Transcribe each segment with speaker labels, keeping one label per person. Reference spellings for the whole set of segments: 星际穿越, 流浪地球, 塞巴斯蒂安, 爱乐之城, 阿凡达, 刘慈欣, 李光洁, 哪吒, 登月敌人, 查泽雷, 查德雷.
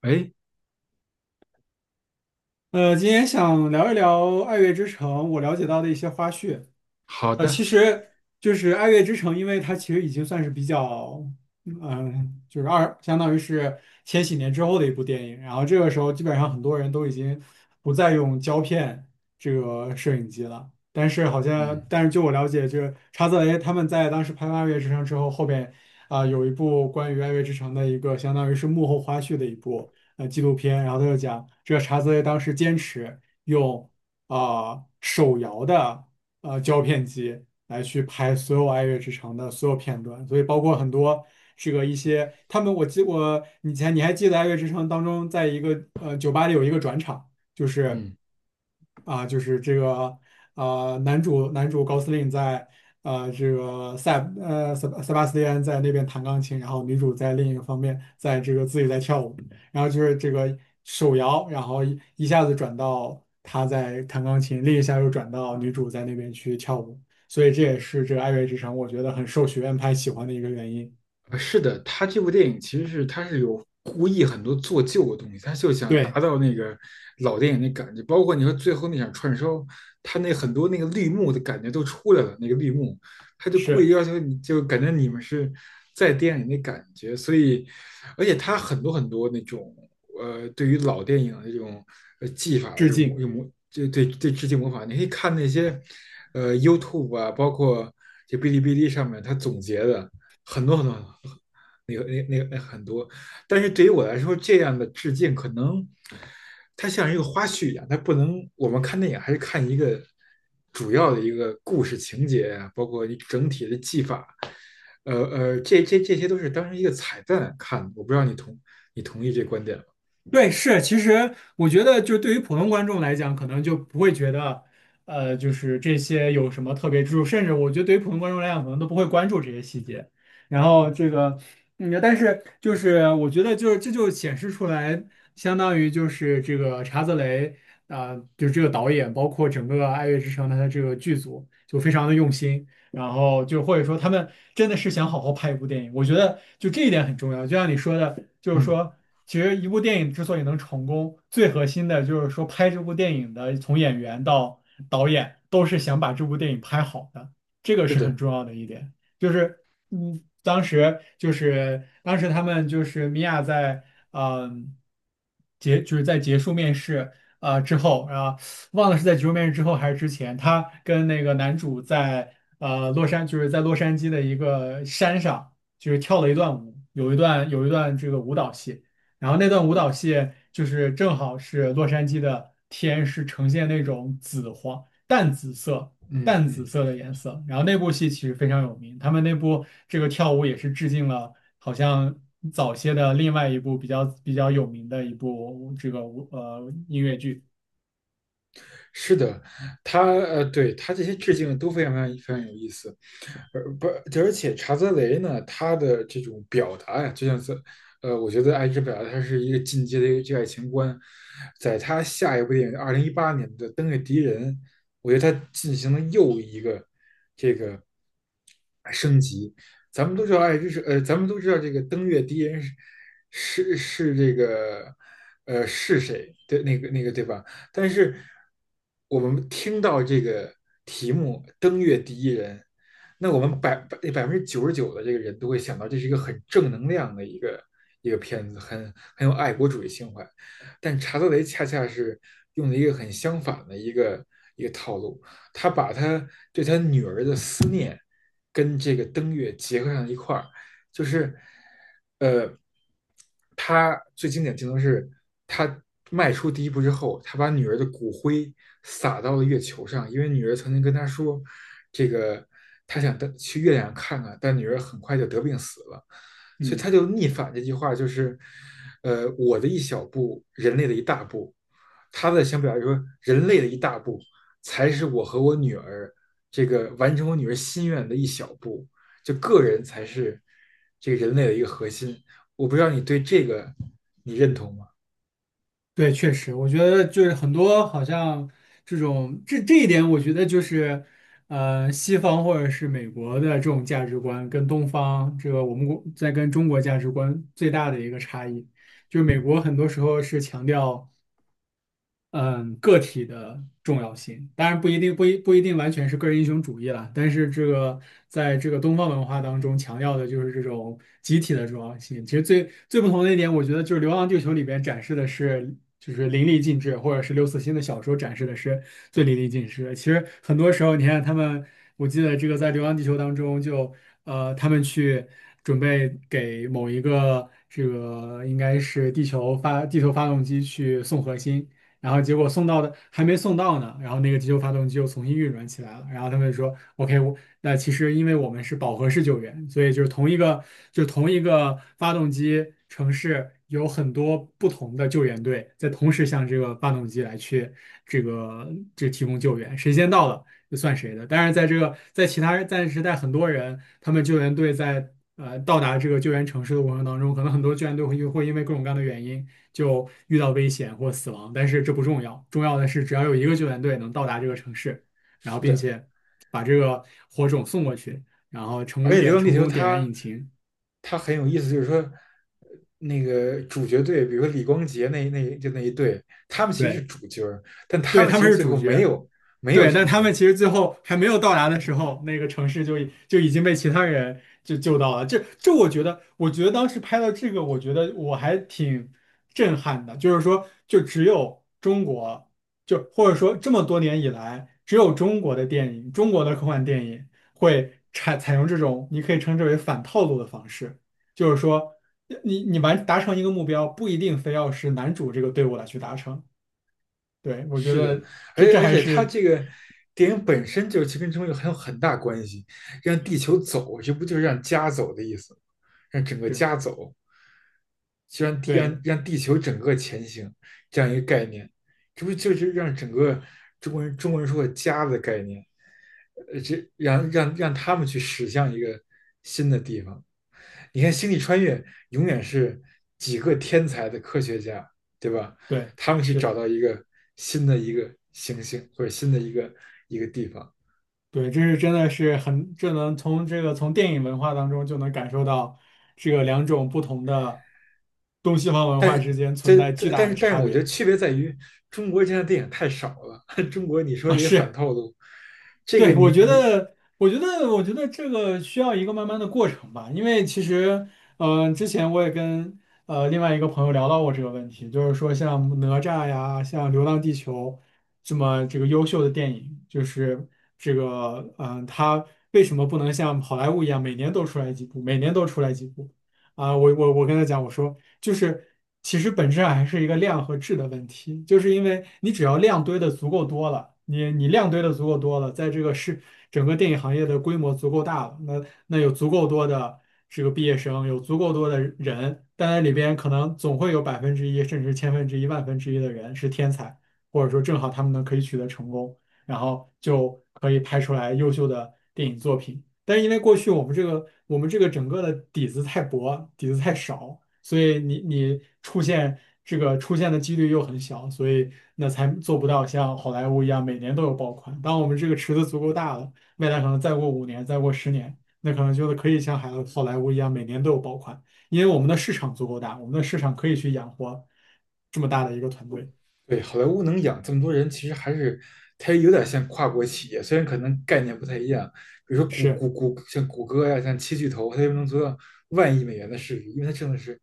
Speaker 1: 哎，
Speaker 2: 今天想聊一聊《爱乐之城》我了解到的一些花絮。
Speaker 1: 好
Speaker 2: 其
Speaker 1: 的，
Speaker 2: 实就是《爱乐之城》，因为它其实已经算是比较，就是相当于是千禧年之后的一部电影。然后这个时候，基本上很多人都已经不再用胶片这个摄影机了。
Speaker 1: 嗯
Speaker 2: 但是据我了解，就是查泽雷他们在当时拍完《爱乐之城》之后，后边有一部关于《爱乐之城》的一个相当于是幕后花絮的一部纪录片。然后他就讲，这个查泽雷当时坚持用手摇的。胶片机来去拍所有《爱乐之城》的所有片段，所以包括很多这个一些他们，我以前你还记得《爱乐之城》当中，在一个酒吧里有一个转场，就是。
Speaker 1: 嗯。
Speaker 2: 就是这个男主高司令在这个塞巴斯蒂安在那边弹钢琴，然后女主在另一个方面在这个自己在跳舞，然后就是这个手摇，然后一下子转到他在弹钢琴，另一下又转到女主在那边去跳舞，所以这也是这个《爱乐之城》我觉得很受学院派喜欢的一个原因。
Speaker 1: 是的，他这部电影其实是他是有故意很多做旧的东西，他就想达
Speaker 2: 对，
Speaker 1: 到那个老电影的感觉，包括你说最后那场串烧，他那很多那个绿幕的感觉都出来了，那个绿幕，他就故意
Speaker 2: 是
Speaker 1: 要求你就感觉你们是在电影里的感觉，所以，而且他很多很多那种对于老电影的这种技法的
Speaker 2: 致
Speaker 1: 这种模
Speaker 2: 敬。
Speaker 1: 有模就对对致敬模仿，你可以看那些YouTube 啊，包括这哔哩哔哩上面他总结的。很多很多很多，那个那那个那很多。但是对于我来说，这样的致敬可能它像一个花絮一样，它不能我们看电影还是看一个主要的一个故事情节啊，包括你整体的技法，这些都是当成一个彩蛋看的。我不知道你同意这观点吗？
Speaker 2: 对，是，其实我觉得，就对于普通观众来讲，可能就不会觉得，就是这些有什么特别之处，甚至我觉得对于普通观众来讲，可能都不会关注这些细节。然后这个，但是就是我觉得就，是这就显示出来，相当于就是这个查泽雷，就这个导演，包括整个《爱乐之城》他的这个剧组，就非常的用心。然后就或者说他们真的是想好好拍一部电影，我觉得就这一点很重要。就像你说的，就是
Speaker 1: 嗯，
Speaker 2: 说，其实一部电影之所以能成功，最核心的就是说拍这部电影的从演员到导演都是想把这部电影拍好的，这个
Speaker 1: 是
Speaker 2: 是很
Speaker 1: 的，
Speaker 2: 重要的一点。就是当时就是当时他们就是米娅在嗯就是在结束面试之后啊。忘了是在《结束面试》之后还是之前，他跟那个男主在洛杉就是在洛杉矶的一个山上，就是跳了一段舞，有一段这个舞蹈戏，然后那段舞蹈戏就是正好是洛杉矶的天是呈现那种淡紫色
Speaker 1: 嗯
Speaker 2: 淡紫
Speaker 1: 嗯，
Speaker 2: 色的颜色，然后那部戏其实非常有名，他们那部这个跳舞也是致敬了好像早些的另外一部比较有名的一部这个音乐剧，
Speaker 1: 是的，他对他这些致敬都非常非常非常有意思。而不，而且查泽雷呢，他的这种表达呀，就像是，我觉得爱之表达，他是一个进阶的一个这爱情观。在他下一部电影2018年的《登月敌人》，我觉得他进行了又一个咱们都知道爱之是咱们都知道这个登月第一人是这个是谁对那个那个对吧？但是我们听到这个题目"登月第一人"，那我们百分之九十九的这个人都会想到这是一个很正能量的一个一个片子，很有爱国主义情怀。但查德雷恰恰是用了一个很相反的一个一个套路，他把他对他女儿的思念跟这个登月结合上一块儿，就是呃，他最经典镜头是他迈出第一步之后，他把女儿的骨灰撒到了月球上，因为女儿曾经跟他说，这个他想登去月亮看看，但女儿很快就得病死了，所以他
Speaker 2: 嗯。
Speaker 1: 就逆反这句话，就是我的一小步，人类的一大步。他的想表达说，人类的一大步才是我和我女儿这个完成我女儿心愿的一小步。就个人才是这个人类的一个核心。我不知道你对这个你认同吗？
Speaker 2: 对，确实，我觉得就是很多好像这种这一点，我觉得就是，西方或者是美国的这种价值观跟东方这个我们国在跟中国价值观最大的一个差异。就是美国很多时候是强调。嗯，个体的重要性，当然不一定完全是个人英雄主义啦。但是这个在这个东方文化当中强调的就是这种集体的重要性。其实最最不同的一点，我觉得就是《流浪地球》里边展示的是就是淋漓尽致，或者是刘慈欣的小说展示的是最淋漓尽致的。其实很多时候，你看他们。我记得这个在《流浪地球》当中就，他们去准备给某一个这个应该是地球发动机去送核心，然后结果送到的还没送到呢，然后那个地球发动机又重新运转起来了，然后他们就说，OK，我那其实因为我们是饱和式救援，所以就是同一个发动机城市有很多不同的救援队在同时向这个发动机来去这个这提供救援，谁先到了。这算谁的？当然，在这个在其他在时代，很多人他们救援队在到达这个救援城市的过程当中，可能很多救援队会因为各种各样的原因就遇到危险或死亡，但是这不重要，重要的是只要有一个救援队能到达这个城市，然后
Speaker 1: 是
Speaker 2: 并
Speaker 1: 的，
Speaker 2: 且把这个火种送过去，然后
Speaker 1: 而且《流浪地
Speaker 2: 成
Speaker 1: 球》
Speaker 2: 功点燃
Speaker 1: 它
Speaker 2: 引擎，
Speaker 1: 它很有意思，就是说那个主角队，比如说李光洁那就那一队，他们其实是
Speaker 2: 对
Speaker 1: 主角但他
Speaker 2: 对，
Speaker 1: 们
Speaker 2: 他
Speaker 1: 其
Speaker 2: 们
Speaker 1: 实
Speaker 2: 是
Speaker 1: 最
Speaker 2: 主
Speaker 1: 后没
Speaker 2: 角。
Speaker 1: 有没有
Speaker 2: 对，但
Speaker 1: 成
Speaker 2: 他们
Speaker 1: 功，
Speaker 2: 其实最后还没有到达的时候，那个城市就已经被其他人就救到了。我觉得当时拍到这个，我觉得我还挺震撼的。就是说，就只有中国，就或者说这么多年以来，只有中国的电影，中国的科幻电影会采用这种你可以称之为反套路的方式，就是说，你达成一个目标，不一定非要是男主这个队伍来去达成。对，我觉
Speaker 1: 是的，
Speaker 2: 得
Speaker 1: 而
Speaker 2: 这
Speaker 1: 且
Speaker 2: 这
Speaker 1: 而
Speaker 2: 还
Speaker 1: 且它
Speaker 2: 是。
Speaker 1: 这个电影本身就是其实跟中国很有很大关系，让地球走，这不就是让家走的意思吗让整个家走，就让地
Speaker 2: 对
Speaker 1: 让让地球整个前行这样一个概念，这不就是让整个中国人说的家的概念？这让他们去驶向一个新的地方。你看，星际穿越永远是几个天才的科学家，对吧？
Speaker 2: 对，
Speaker 1: 他们去
Speaker 2: 是的，
Speaker 1: 找到一个新的一个行星或者新的一个地方。
Speaker 2: 对，这是真的是很，这能从这个从电影文化当中就能感受到，这个两种不同的东西方文化之间存
Speaker 1: 这
Speaker 2: 在巨
Speaker 1: 但
Speaker 2: 大
Speaker 1: 但是
Speaker 2: 的
Speaker 1: 但
Speaker 2: 差
Speaker 1: 是，我觉得
Speaker 2: 别
Speaker 1: 区别在于中国现在电影太少了。中国你说
Speaker 2: 啊，
Speaker 1: 这些反
Speaker 2: 是
Speaker 1: 套路，这个
Speaker 2: 对，
Speaker 1: 你你
Speaker 2: 我觉得这个需要一个慢慢的过程吧，因为其实，之前我也跟另外一个朋友聊到过这个问题，就是说像哪吒呀，像《流浪地球》这么优秀的电影，就是这个，它为什么不能像好莱坞一样每年都出来几部，每年都出来几部？我跟他讲，我说就是其实本质上还是一个量和质的问题，就是因为你只要量堆的足够多了，你量堆的足够多了，在这个是整个电影行业的规模足够大了，那有足够多的这个毕业生，有足够多的人，但在里边可能总会有1%，甚至千分之一、万分之一的人是天才，或者说正好他们能可以取得成功，然后就可以拍出来优秀的电影作品。但是因为过去我们这个整个的底子太薄，底子太少，所以你出现出现的几率又很小，所以那才做不到像好莱坞一样每年都有爆款。当我们这个池子足够大了，未来可能再过5年，再过10年，那可能就是可以像好莱坞一样每年都有爆款，因为我们的市场足够大，我们的市场可以去养活这么大的一个团队，
Speaker 1: 对，好莱坞能养这么多人，其实还是它有点像跨国企业，虽然可能概念不太一样。比如说谷
Speaker 2: 是
Speaker 1: 谷谷，像谷歌呀、像七巨头，它就能做到万亿美元的市值，因为它挣的是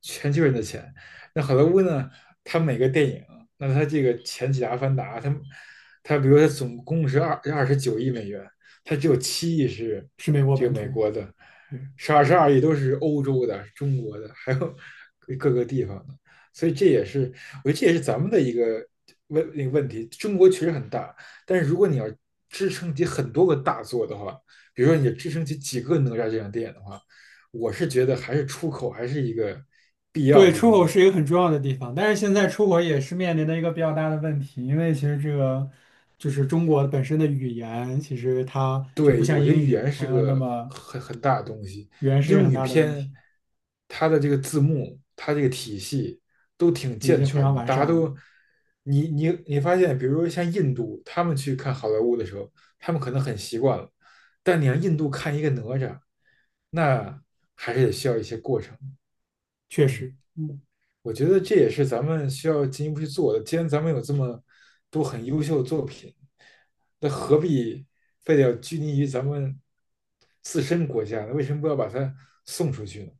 Speaker 1: 全球人的钱。那好莱坞呢，它每个电影，那它这个前几个《阿凡达》，它比如说它总共是二十九亿美元，它只有7亿是
Speaker 2: 是美国
Speaker 1: 这
Speaker 2: 本
Speaker 1: 个美
Speaker 2: 土。
Speaker 1: 国的，
Speaker 2: 对
Speaker 1: 是22亿都是欧洲的、中国的，还有各个地方的。所以这也是我觉得这也是咱们的一个那个问题。中国确实很大，但是如果你要支撑起很多个大作的话，比如说你支撑起几个哪吒这样的电影的话，我是觉得还是出口还是一个必要
Speaker 2: 对，
Speaker 1: 的一
Speaker 2: 出
Speaker 1: 个
Speaker 2: 口是
Speaker 1: 路。
Speaker 2: 一个很重要的地方，但是现在出口也是面临的一个比较大的问题，因为其实这个就是中国本身的语言，其实它就不
Speaker 1: 对，
Speaker 2: 像
Speaker 1: 我觉得
Speaker 2: 英
Speaker 1: 语
Speaker 2: 语，
Speaker 1: 言是
Speaker 2: 它那
Speaker 1: 个
Speaker 2: 么
Speaker 1: 很大的东西。
Speaker 2: 语言是一个
Speaker 1: 英
Speaker 2: 很
Speaker 1: 语
Speaker 2: 大的问
Speaker 1: 片，
Speaker 2: 题，
Speaker 1: 它的这个字幕，它这个体系都挺
Speaker 2: 已
Speaker 1: 健
Speaker 2: 经非
Speaker 1: 全
Speaker 2: 常
Speaker 1: 的，
Speaker 2: 完
Speaker 1: 大
Speaker 2: 善
Speaker 1: 家
Speaker 2: 了，
Speaker 1: 都，你发现，比如说像印度，他们去看好莱坞的时候，他们可能很习惯了，但你让印度看一个哪吒，那还是得需要一些过程。
Speaker 2: 确
Speaker 1: 嗯。
Speaker 2: 实，
Speaker 1: 我觉得这也是咱们需要进一步去做的。既然咱们有这么多很优秀的作品，那何必非得要拘泥于咱们自身国家呢？为什么不要把它送出去呢？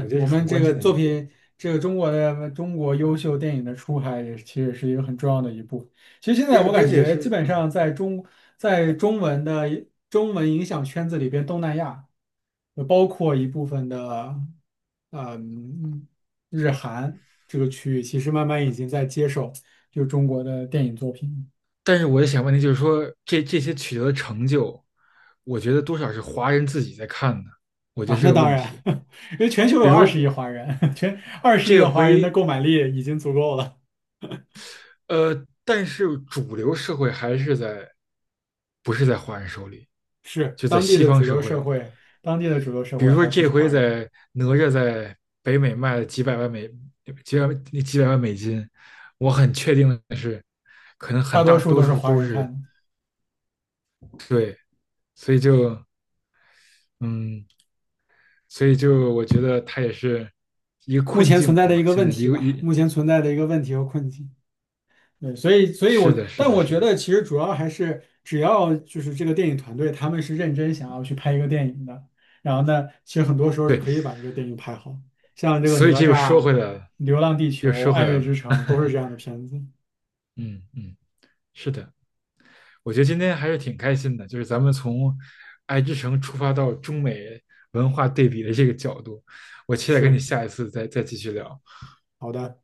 Speaker 1: 我觉得
Speaker 2: 我
Speaker 1: 是很
Speaker 2: 们这
Speaker 1: 关
Speaker 2: 个
Speaker 1: 键的
Speaker 2: 作
Speaker 1: 一步，
Speaker 2: 品，这个中国优秀电影的出海也其实是一个很重要的一步。其实现在
Speaker 1: 而
Speaker 2: 我
Speaker 1: 而
Speaker 2: 感
Speaker 1: 且
Speaker 2: 觉基
Speaker 1: 是
Speaker 2: 本
Speaker 1: 嗯。
Speaker 2: 上在中文影响圈子里边，东南亚。包括一部分的，嗯，日韩这个区域，其实慢慢已经在接受就中国的电影作品
Speaker 1: 但是我也想问题就是说，这些取得的成就，我觉得多少是华人自己在看的，我觉得
Speaker 2: 啊。
Speaker 1: 是
Speaker 2: 那
Speaker 1: 个
Speaker 2: 当
Speaker 1: 问
Speaker 2: 然，
Speaker 1: 题。
Speaker 2: 因为全球有
Speaker 1: 比如
Speaker 2: 二
Speaker 1: 说
Speaker 2: 十亿华人，全二十亿
Speaker 1: 这
Speaker 2: 的华人的
Speaker 1: 回
Speaker 2: 购买力已经足够了。
Speaker 1: 但是主流社会还是在，不是在华人手里，
Speaker 2: 是
Speaker 1: 就在
Speaker 2: 当地
Speaker 1: 西
Speaker 2: 的
Speaker 1: 方
Speaker 2: 主
Speaker 1: 社
Speaker 2: 流
Speaker 1: 会
Speaker 2: 社
Speaker 1: 里。
Speaker 2: 会，当地的主流社
Speaker 1: 比
Speaker 2: 会
Speaker 1: 如说
Speaker 2: 还不
Speaker 1: 这
Speaker 2: 是
Speaker 1: 回
Speaker 2: 华人，
Speaker 1: 在哪吒在北美卖了几百几百万美金，我很确定的是，可能
Speaker 2: 大
Speaker 1: 很
Speaker 2: 多
Speaker 1: 大
Speaker 2: 数
Speaker 1: 多
Speaker 2: 都是
Speaker 1: 数
Speaker 2: 华
Speaker 1: 都
Speaker 2: 人看
Speaker 1: 是
Speaker 2: 的。
Speaker 1: 对，所以就嗯，所以就我觉得它也是一个
Speaker 2: 目
Speaker 1: 困
Speaker 2: 前存
Speaker 1: 境
Speaker 2: 在的一
Speaker 1: 吧。
Speaker 2: 个
Speaker 1: 现
Speaker 2: 问
Speaker 1: 在一
Speaker 2: 题
Speaker 1: 个
Speaker 2: 吧，
Speaker 1: 一
Speaker 2: 目前存在的一个问题和困境。对，所以
Speaker 1: 是
Speaker 2: 我，
Speaker 1: 的，是
Speaker 2: 但
Speaker 1: 的，
Speaker 2: 我
Speaker 1: 是
Speaker 2: 觉
Speaker 1: 的，
Speaker 2: 得其实主要还是，只要就是这个电影团队他们是认真想要去拍一个电影的，然后呢，其实很多时候是
Speaker 1: 对，
Speaker 2: 可以把这个电影拍好，像这个
Speaker 1: 所以
Speaker 2: 哪
Speaker 1: 这又说
Speaker 2: 吒、
Speaker 1: 回来了，
Speaker 2: 流浪地
Speaker 1: 又
Speaker 2: 球、
Speaker 1: 说回
Speaker 2: 爱
Speaker 1: 来
Speaker 2: 乐之
Speaker 1: 了，
Speaker 2: 城都是 这样的片子。
Speaker 1: 嗯嗯，是的。我觉得今天还是挺开心的，就是咱们从爱之城出发到中美文化对比的这个角度，我期待跟你
Speaker 2: 是，
Speaker 1: 下一次再继续聊。
Speaker 2: 好的。